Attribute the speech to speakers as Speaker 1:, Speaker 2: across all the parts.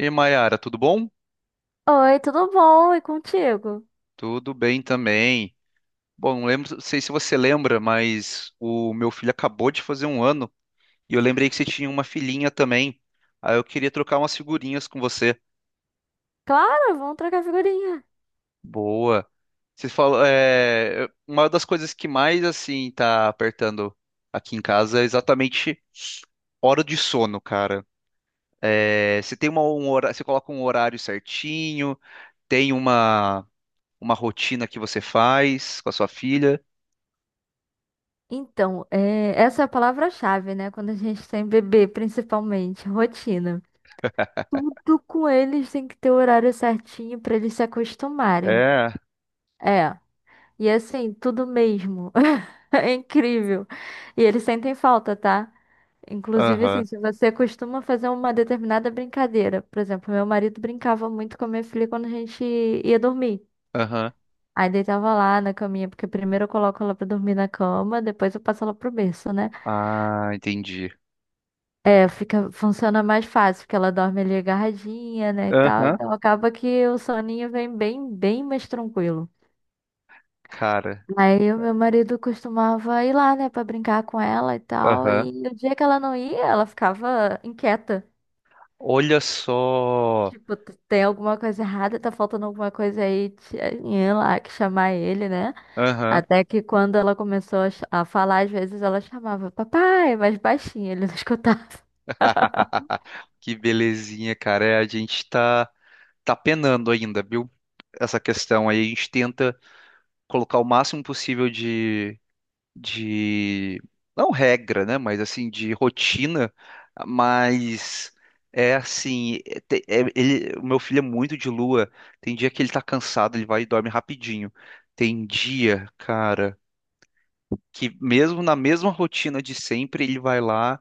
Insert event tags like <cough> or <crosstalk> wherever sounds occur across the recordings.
Speaker 1: E aí, Mayara, tudo bom?
Speaker 2: Oi, tudo bom? E contigo?
Speaker 1: Tudo bem também. Bom, não lembro, não sei se você lembra, mas o meu filho acabou de fazer um ano e eu lembrei que você tinha uma filhinha também. Aí eu queria trocar umas figurinhas com você.
Speaker 2: Claro, vamos trocar figurinha.
Speaker 1: Boa. Você falou, uma das coisas que mais assim tá apertando aqui em casa é exatamente hora de sono, cara. É, você tem uma, um horário, você coloca um horário certinho, tem uma rotina que você faz com a sua filha.
Speaker 2: Então, é, essa é a palavra-chave, né? Quando a gente tem bebê, principalmente, rotina. Tudo com eles tem que ter o horário certinho pra eles se acostumarem.
Speaker 1: É.
Speaker 2: É, e assim, tudo mesmo. <laughs> É incrível. E eles sentem falta, tá? Inclusive, assim,
Speaker 1: Aham.
Speaker 2: se você costuma fazer uma determinada brincadeira, por exemplo, meu marido brincava muito com a minha filha quando a gente ia dormir.
Speaker 1: Aham.
Speaker 2: Aí deitava lá na caminha, porque primeiro eu coloco ela pra dormir na cama, depois eu passo ela pro berço, né?
Speaker 1: Ah, entendi.
Speaker 2: É, fica, funciona mais fácil, porque ela dorme ali agarradinha, né, e tal.
Speaker 1: Aham,
Speaker 2: Então acaba que o soninho vem bem, bem mais tranquilo.
Speaker 1: cara.
Speaker 2: Aí o meu marido costumava ir lá, né, pra brincar com ela e tal.
Speaker 1: Aham.
Speaker 2: E no dia que ela não ia, ela ficava inquieta.
Speaker 1: Olha só.
Speaker 2: Tipo, tem alguma coisa errada, tá faltando alguma coisa aí, tinha lá que chamar ele, né?
Speaker 1: Aham.
Speaker 2: Até que quando ela começou a, a falar, às vezes ela chamava papai, mas baixinho, ele não <laughs> escutava.
Speaker 1: <laughs> Que belezinha, cara. É, a gente tá, tá penando ainda, viu? Essa questão aí. A gente tenta colocar o máximo possível de... Não regra, né? Mas assim, de rotina. Mas é assim... ele, o meu filho é muito de lua. Tem dia que ele tá cansado, ele vai e dorme rapidinho. Tem dia, cara... que mesmo na mesma rotina de sempre, ele vai lá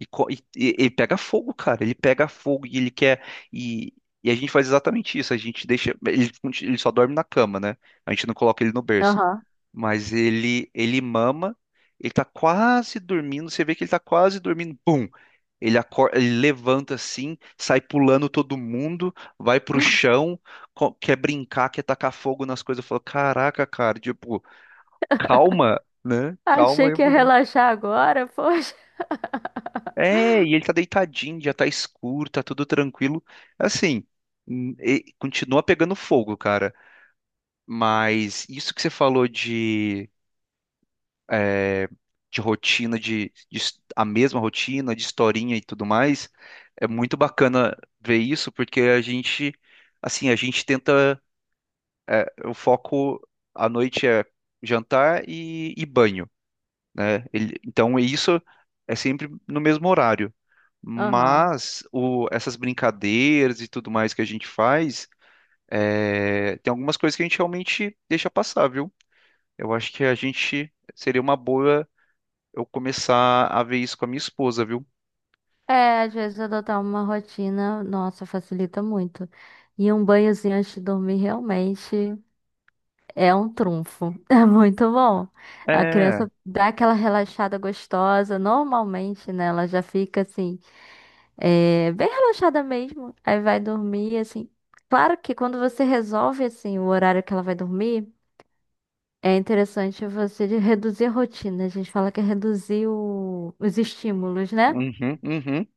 Speaker 1: e, ele pega fogo, cara. Ele pega fogo e ele quer. E, e a gente faz exatamente isso. A gente deixa. Ele só dorme na cama, né? A gente não coloca ele no berço.
Speaker 2: Aham.
Speaker 1: Mas ele mama, ele tá quase dormindo. Você vê que ele tá quase dormindo. Pum! Ele acorda, ele levanta assim, sai pulando todo mundo, vai pro chão, quer brincar, quer tacar fogo nas coisas. Eu falo, caraca, cara, tipo, calma né? Calma
Speaker 2: Achei
Speaker 1: aí.
Speaker 2: que ia relaxar agora, poxa. <laughs>
Speaker 1: É, e ele tá deitadinho, já tá escuro, tá tudo tranquilo. Assim, continua pegando fogo, cara. Mas isso que você falou de, é, de rotina, de, a mesma rotina, de historinha e tudo mais, é muito bacana ver isso, porque a gente, assim, a gente tenta, o foco à noite é jantar e banho né? Ele, então isso é sempre no mesmo horário.
Speaker 2: Aham.
Speaker 1: Mas o, essas brincadeiras e tudo mais que a gente faz, tem algumas coisas que a gente realmente deixa passar, viu? Eu acho que a gente seria uma boa eu começar a ver isso com a minha esposa, viu?
Speaker 2: É, às vezes adotar uma rotina, nossa, facilita muito. E um banhozinho antes de dormir realmente. É um trunfo. <laughs> É muito bom. A
Speaker 1: É.
Speaker 2: criança dá aquela relaxada gostosa. Normalmente, né? Ela já fica assim, é, bem relaxada mesmo. Aí vai dormir, assim. Claro que quando você resolve, assim, o horário que ela vai dormir, é interessante você reduzir a rotina. A gente fala que é reduzir os estímulos, né?
Speaker 1: Uhum, uhum.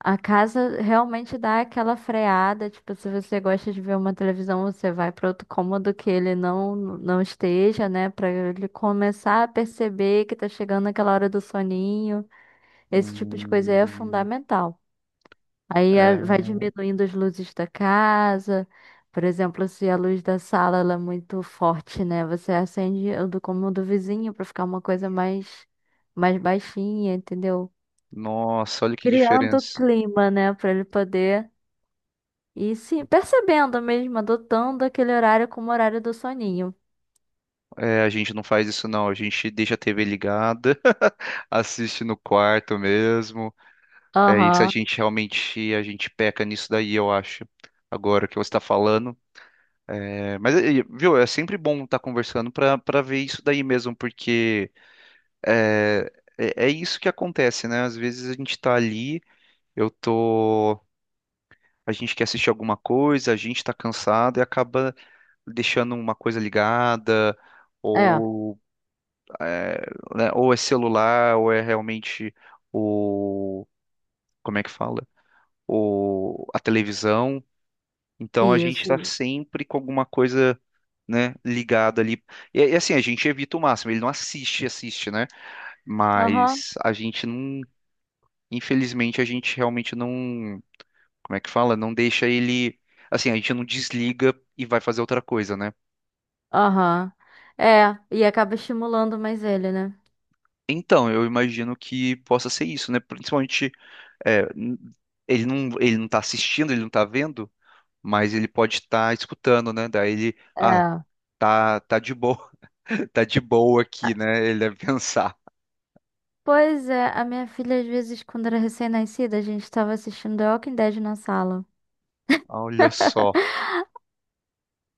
Speaker 2: A casa realmente dá aquela freada, tipo, se você gosta de ver uma televisão, você vai para outro cômodo que ele não esteja, né, para ele começar a perceber que tá chegando aquela hora do soninho. Esse tipo de coisa aí é
Speaker 1: Hum,
Speaker 2: fundamental. Aí
Speaker 1: é.
Speaker 2: vai diminuindo as luzes da casa. Por exemplo, se a luz da sala ela é muito forte, né, você acende o do cômodo vizinho para ficar uma coisa mais baixinha, entendeu?
Speaker 1: Nossa, olha que
Speaker 2: Criando o
Speaker 1: diferença.
Speaker 2: clima, né, para ele poder. E sim, percebendo mesmo, adotando aquele horário como horário do soninho.
Speaker 1: É, a gente não faz isso não, a gente deixa a TV ligada, <laughs> assiste no quarto mesmo. É isso, a
Speaker 2: Aham,
Speaker 1: gente realmente a gente peca nisso daí, eu acho. Agora que você está falando. É, mas, viu, é sempre bom estar conversando para ver isso daí mesmo, porque é, é isso que acontece, né? Às vezes a gente tá ali, eu tô. A gente quer assistir alguma coisa, a gente tá cansado e acaba deixando uma coisa ligada,
Speaker 2: é,
Speaker 1: ou, é, né, ou é celular, ou é realmente o. Como é que fala? O, a televisão. Então a gente
Speaker 2: isso.
Speaker 1: está sempre com alguma coisa, né, ligada ali. E assim, a gente evita o máximo. Ele não assiste, assiste, né?
Speaker 2: Aham,
Speaker 1: Mas a gente não, infelizmente, a gente realmente não, como é que fala? Não deixa ele, assim, a gente não desliga e vai fazer outra coisa, né?
Speaker 2: aham. É, e acaba estimulando mais ele, né?
Speaker 1: Então, eu imagino que possa ser isso, né? Principalmente, é, n- ele não tá assistindo, ele não tá vendo, mas ele pode estar escutando, né? Daí ele, ah,
Speaker 2: É.
Speaker 1: tá, tá de boa, <laughs> tá de boa aqui, né? Ele deve pensar.
Speaker 2: Pois é, a minha filha, às vezes, quando era recém-nascida, a gente estava assistindo The Walking Dead na sala.
Speaker 1: Olha só.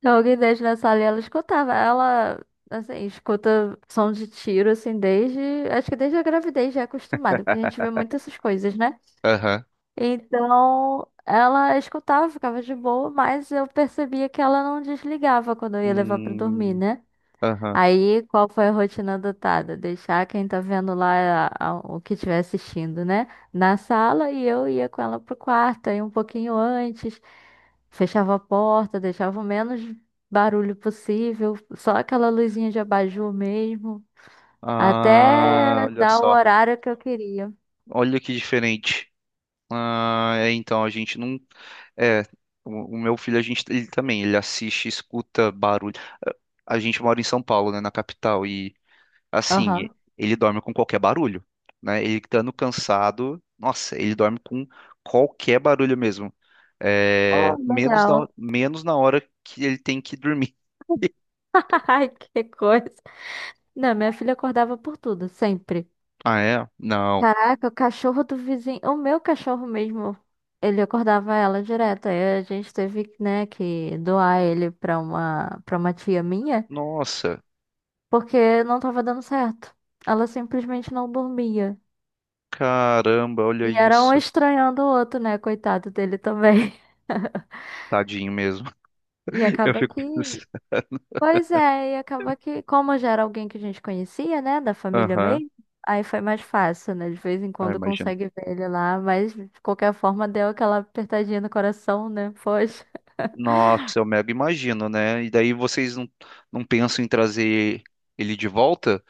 Speaker 2: The Walking Dead na sala e ela escutava. Ela, assim, escuta som de tiro, assim, desde. Acho que desde a gravidez já é acostumada, porque a gente vê muito essas coisas, né?
Speaker 1: Aham.
Speaker 2: Então, ela escutava, ficava de boa, mas eu percebia que ela não desligava quando eu ia levar pra dormir,
Speaker 1: Hum.
Speaker 2: né?
Speaker 1: Aham.
Speaker 2: Aí, qual foi a rotina adotada? Deixar quem tá vendo lá o que estiver assistindo, né? Na sala e eu ia com ela pro quarto, aí um pouquinho antes, fechava a porta, deixava o menos barulho possível, só aquela luzinha de abajur mesmo,
Speaker 1: Ah,
Speaker 2: até
Speaker 1: olha
Speaker 2: dar o
Speaker 1: só.
Speaker 2: horário que eu queria.
Speaker 1: Olha que diferente. Ah, é, então, a gente não. É, o meu filho, a gente, ele também, ele assiste, escuta barulho. A a gente mora em São Paulo, né, na capital, e assim,
Speaker 2: Aham.
Speaker 1: ele dorme com qualquer barulho, né? Ele estando cansado, nossa, ele dorme com qualquer barulho mesmo.
Speaker 2: Oh,
Speaker 1: É,
Speaker 2: legal.
Speaker 1: menos na hora que ele tem que dormir.
Speaker 2: <laughs> Ai, que coisa. Não, minha filha acordava por tudo, sempre.
Speaker 1: Ah, é? Não.
Speaker 2: Caraca, o cachorro do vizinho, o meu cachorro mesmo, ele acordava ela direto. Aí a gente teve, né, que doar ele pra uma tia minha,
Speaker 1: Nossa.
Speaker 2: porque não tava dando certo. Ela simplesmente não dormia.
Speaker 1: Caramba, olha
Speaker 2: E era um
Speaker 1: isso.
Speaker 2: estranhando o outro, né, coitado dele também. <laughs>
Speaker 1: Tadinho mesmo.
Speaker 2: E
Speaker 1: <laughs> Eu
Speaker 2: acaba
Speaker 1: fico
Speaker 2: que
Speaker 1: pensando.
Speaker 2: Pois é, e acaba que, como já era alguém que a gente conhecia, né, da família
Speaker 1: Aham,
Speaker 2: mesmo, aí foi mais fácil, né? De vez em
Speaker 1: ah,
Speaker 2: quando
Speaker 1: imagino.
Speaker 2: consegue ver ele lá, mas de qualquer forma deu aquela apertadinha no coração, né? Poxa.
Speaker 1: Nossa, eu mega imagino, né? E daí vocês não, não pensam em trazer ele de volta,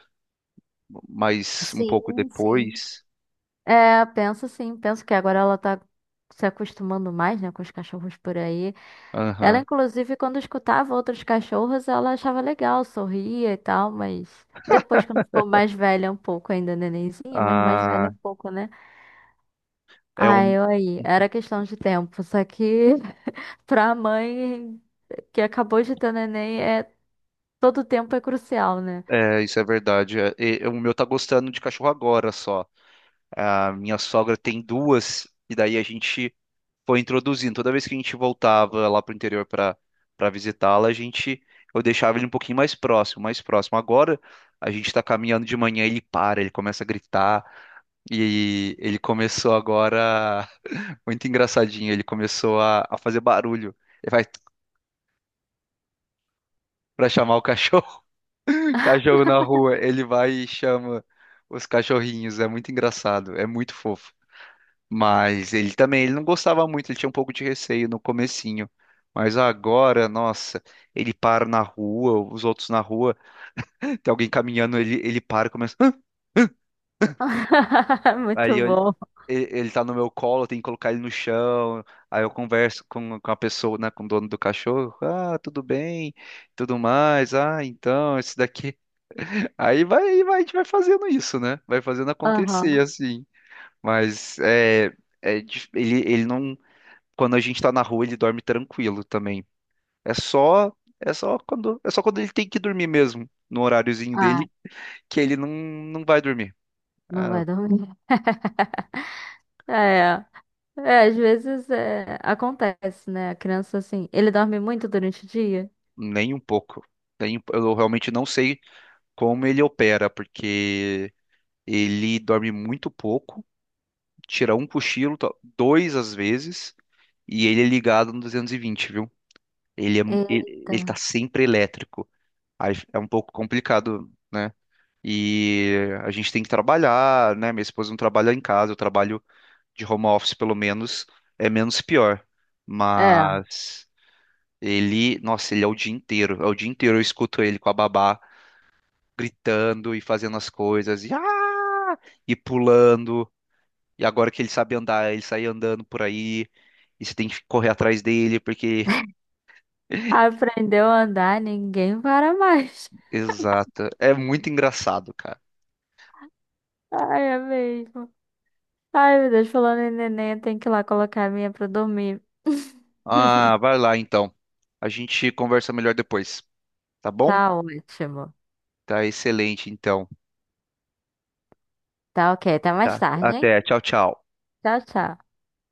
Speaker 1: mas um pouco
Speaker 2: Sim, sim.
Speaker 1: depois.
Speaker 2: É, penso sim, penso que agora ela tá se acostumando mais, né, com os cachorros por aí. Ela,
Speaker 1: Aham.
Speaker 2: inclusive, quando escutava outros cachorros, ela achava legal, sorria e tal, mas depois, quando ficou mais velha um pouco, ainda nenenzinha, mas mais velha
Speaker 1: Ah,
Speaker 2: um pouco, né?
Speaker 1: é
Speaker 2: Ah,
Speaker 1: um,
Speaker 2: eu aí. Era questão de tempo. Só que <laughs> pra mãe que acabou de ter neném, é, todo tempo é crucial, né?
Speaker 1: é, isso é verdade. O meu tá gostando de cachorro agora só. A minha sogra tem duas, e daí a gente foi introduzindo. Toda vez que a gente voltava lá pro interior para visitá-la, a gente eu deixava ele um pouquinho mais próximo, mais próximo. Agora a gente está caminhando de manhã, ele para, ele começa a gritar e ele começou agora <laughs> muito engraçadinho, ele começou a fazer barulho. Ele vai para chamar o cachorro, <laughs> cachorro na rua, ele vai e chama os cachorrinhos, é muito engraçado, é muito fofo. Mas ele também, ele não gostava muito, ele tinha um pouco de receio no comecinho. Mas agora, nossa, ele para na rua, os outros na rua, <laughs> tem alguém caminhando, ele para e começa. "Hã?"
Speaker 2: <laughs>
Speaker 1: Aí
Speaker 2: Muito
Speaker 1: eu-
Speaker 2: bom.
Speaker 1: ele, ele tá no meu colo, eu tenho que colocar ele no chão. Aí eu converso com a pessoa, né, com o dono do cachorro. Ah, tudo bem, tudo mais. Ah, então, esse daqui. <laughs> Aí vai, a gente vai fazendo isso, né? Vai fazendo acontecer,
Speaker 2: Aham.
Speaker 1: assim. Mas é, ele, ele não. Quando a gente tá na rua, ele dorme tranquilo também. É só, é só quando ele tem que dormir mesmo, no horáriozinho
Speaker 2: Ah,
Speaker 1: dele, que ele não, não vai dormir.
Speaker 2: não
Speaker 1: Ah,
Speaker 2: vai dormir. <laughs> É. É, às vezes é, acontece, né? A criança assim, ele dorme muito durante o dia.
Speaker 1: nem um pouco. Eu realmente não sei como ele opera, porque ele dorme muito pouco, tira um cochilo, dois às vezes, e ele é ligado no 220, viu? Ele,
Speaker 2: Eita.
Speaker 1: ele tá sempre elétrico. Aí é um pouco complicado, né? E a gente tem que trabalhar, né? Minha esposa não trabalha em casa, eu trabalho de home office pelo menos, é menos pior.
Speaker 2: É.
Speaker 1: Mas ele, nossa, ele é o dia inteiro, é o dia inteiro eu escuto ele com a babá gritando e fazendo as coisas, e, ah! e pulando. E agora que ele sabe andar, ele sai andando por aí, e você tem que correr atrás dele, porque. <laughs>
Speaker 2: Aprendeu a andar, ninguém para mais.
Speaker 1: Exato, é muito engraçado, cara.
Speaker 2: <laughs> Ai, é mesmo. Ai, meu Deus, falando em neném, eu tenho que ir lá colocar a minha pra dormir.
Speaker 1: Ah,
Speaker 2: <laughs>
Speaker 1: vai lá então. A gente conversa melhor depois, tá bom?
Speaker 2: Tá ótimo.
Speaker 1: Tá excelente, então.
Speaker 2: Tá ok. Até mais
Speaker 1: Tá.
Speaker 2: tarde, hein?
Speaker 1: Até. Tchau, tchau.
Speaker 2: Tchau, tchau.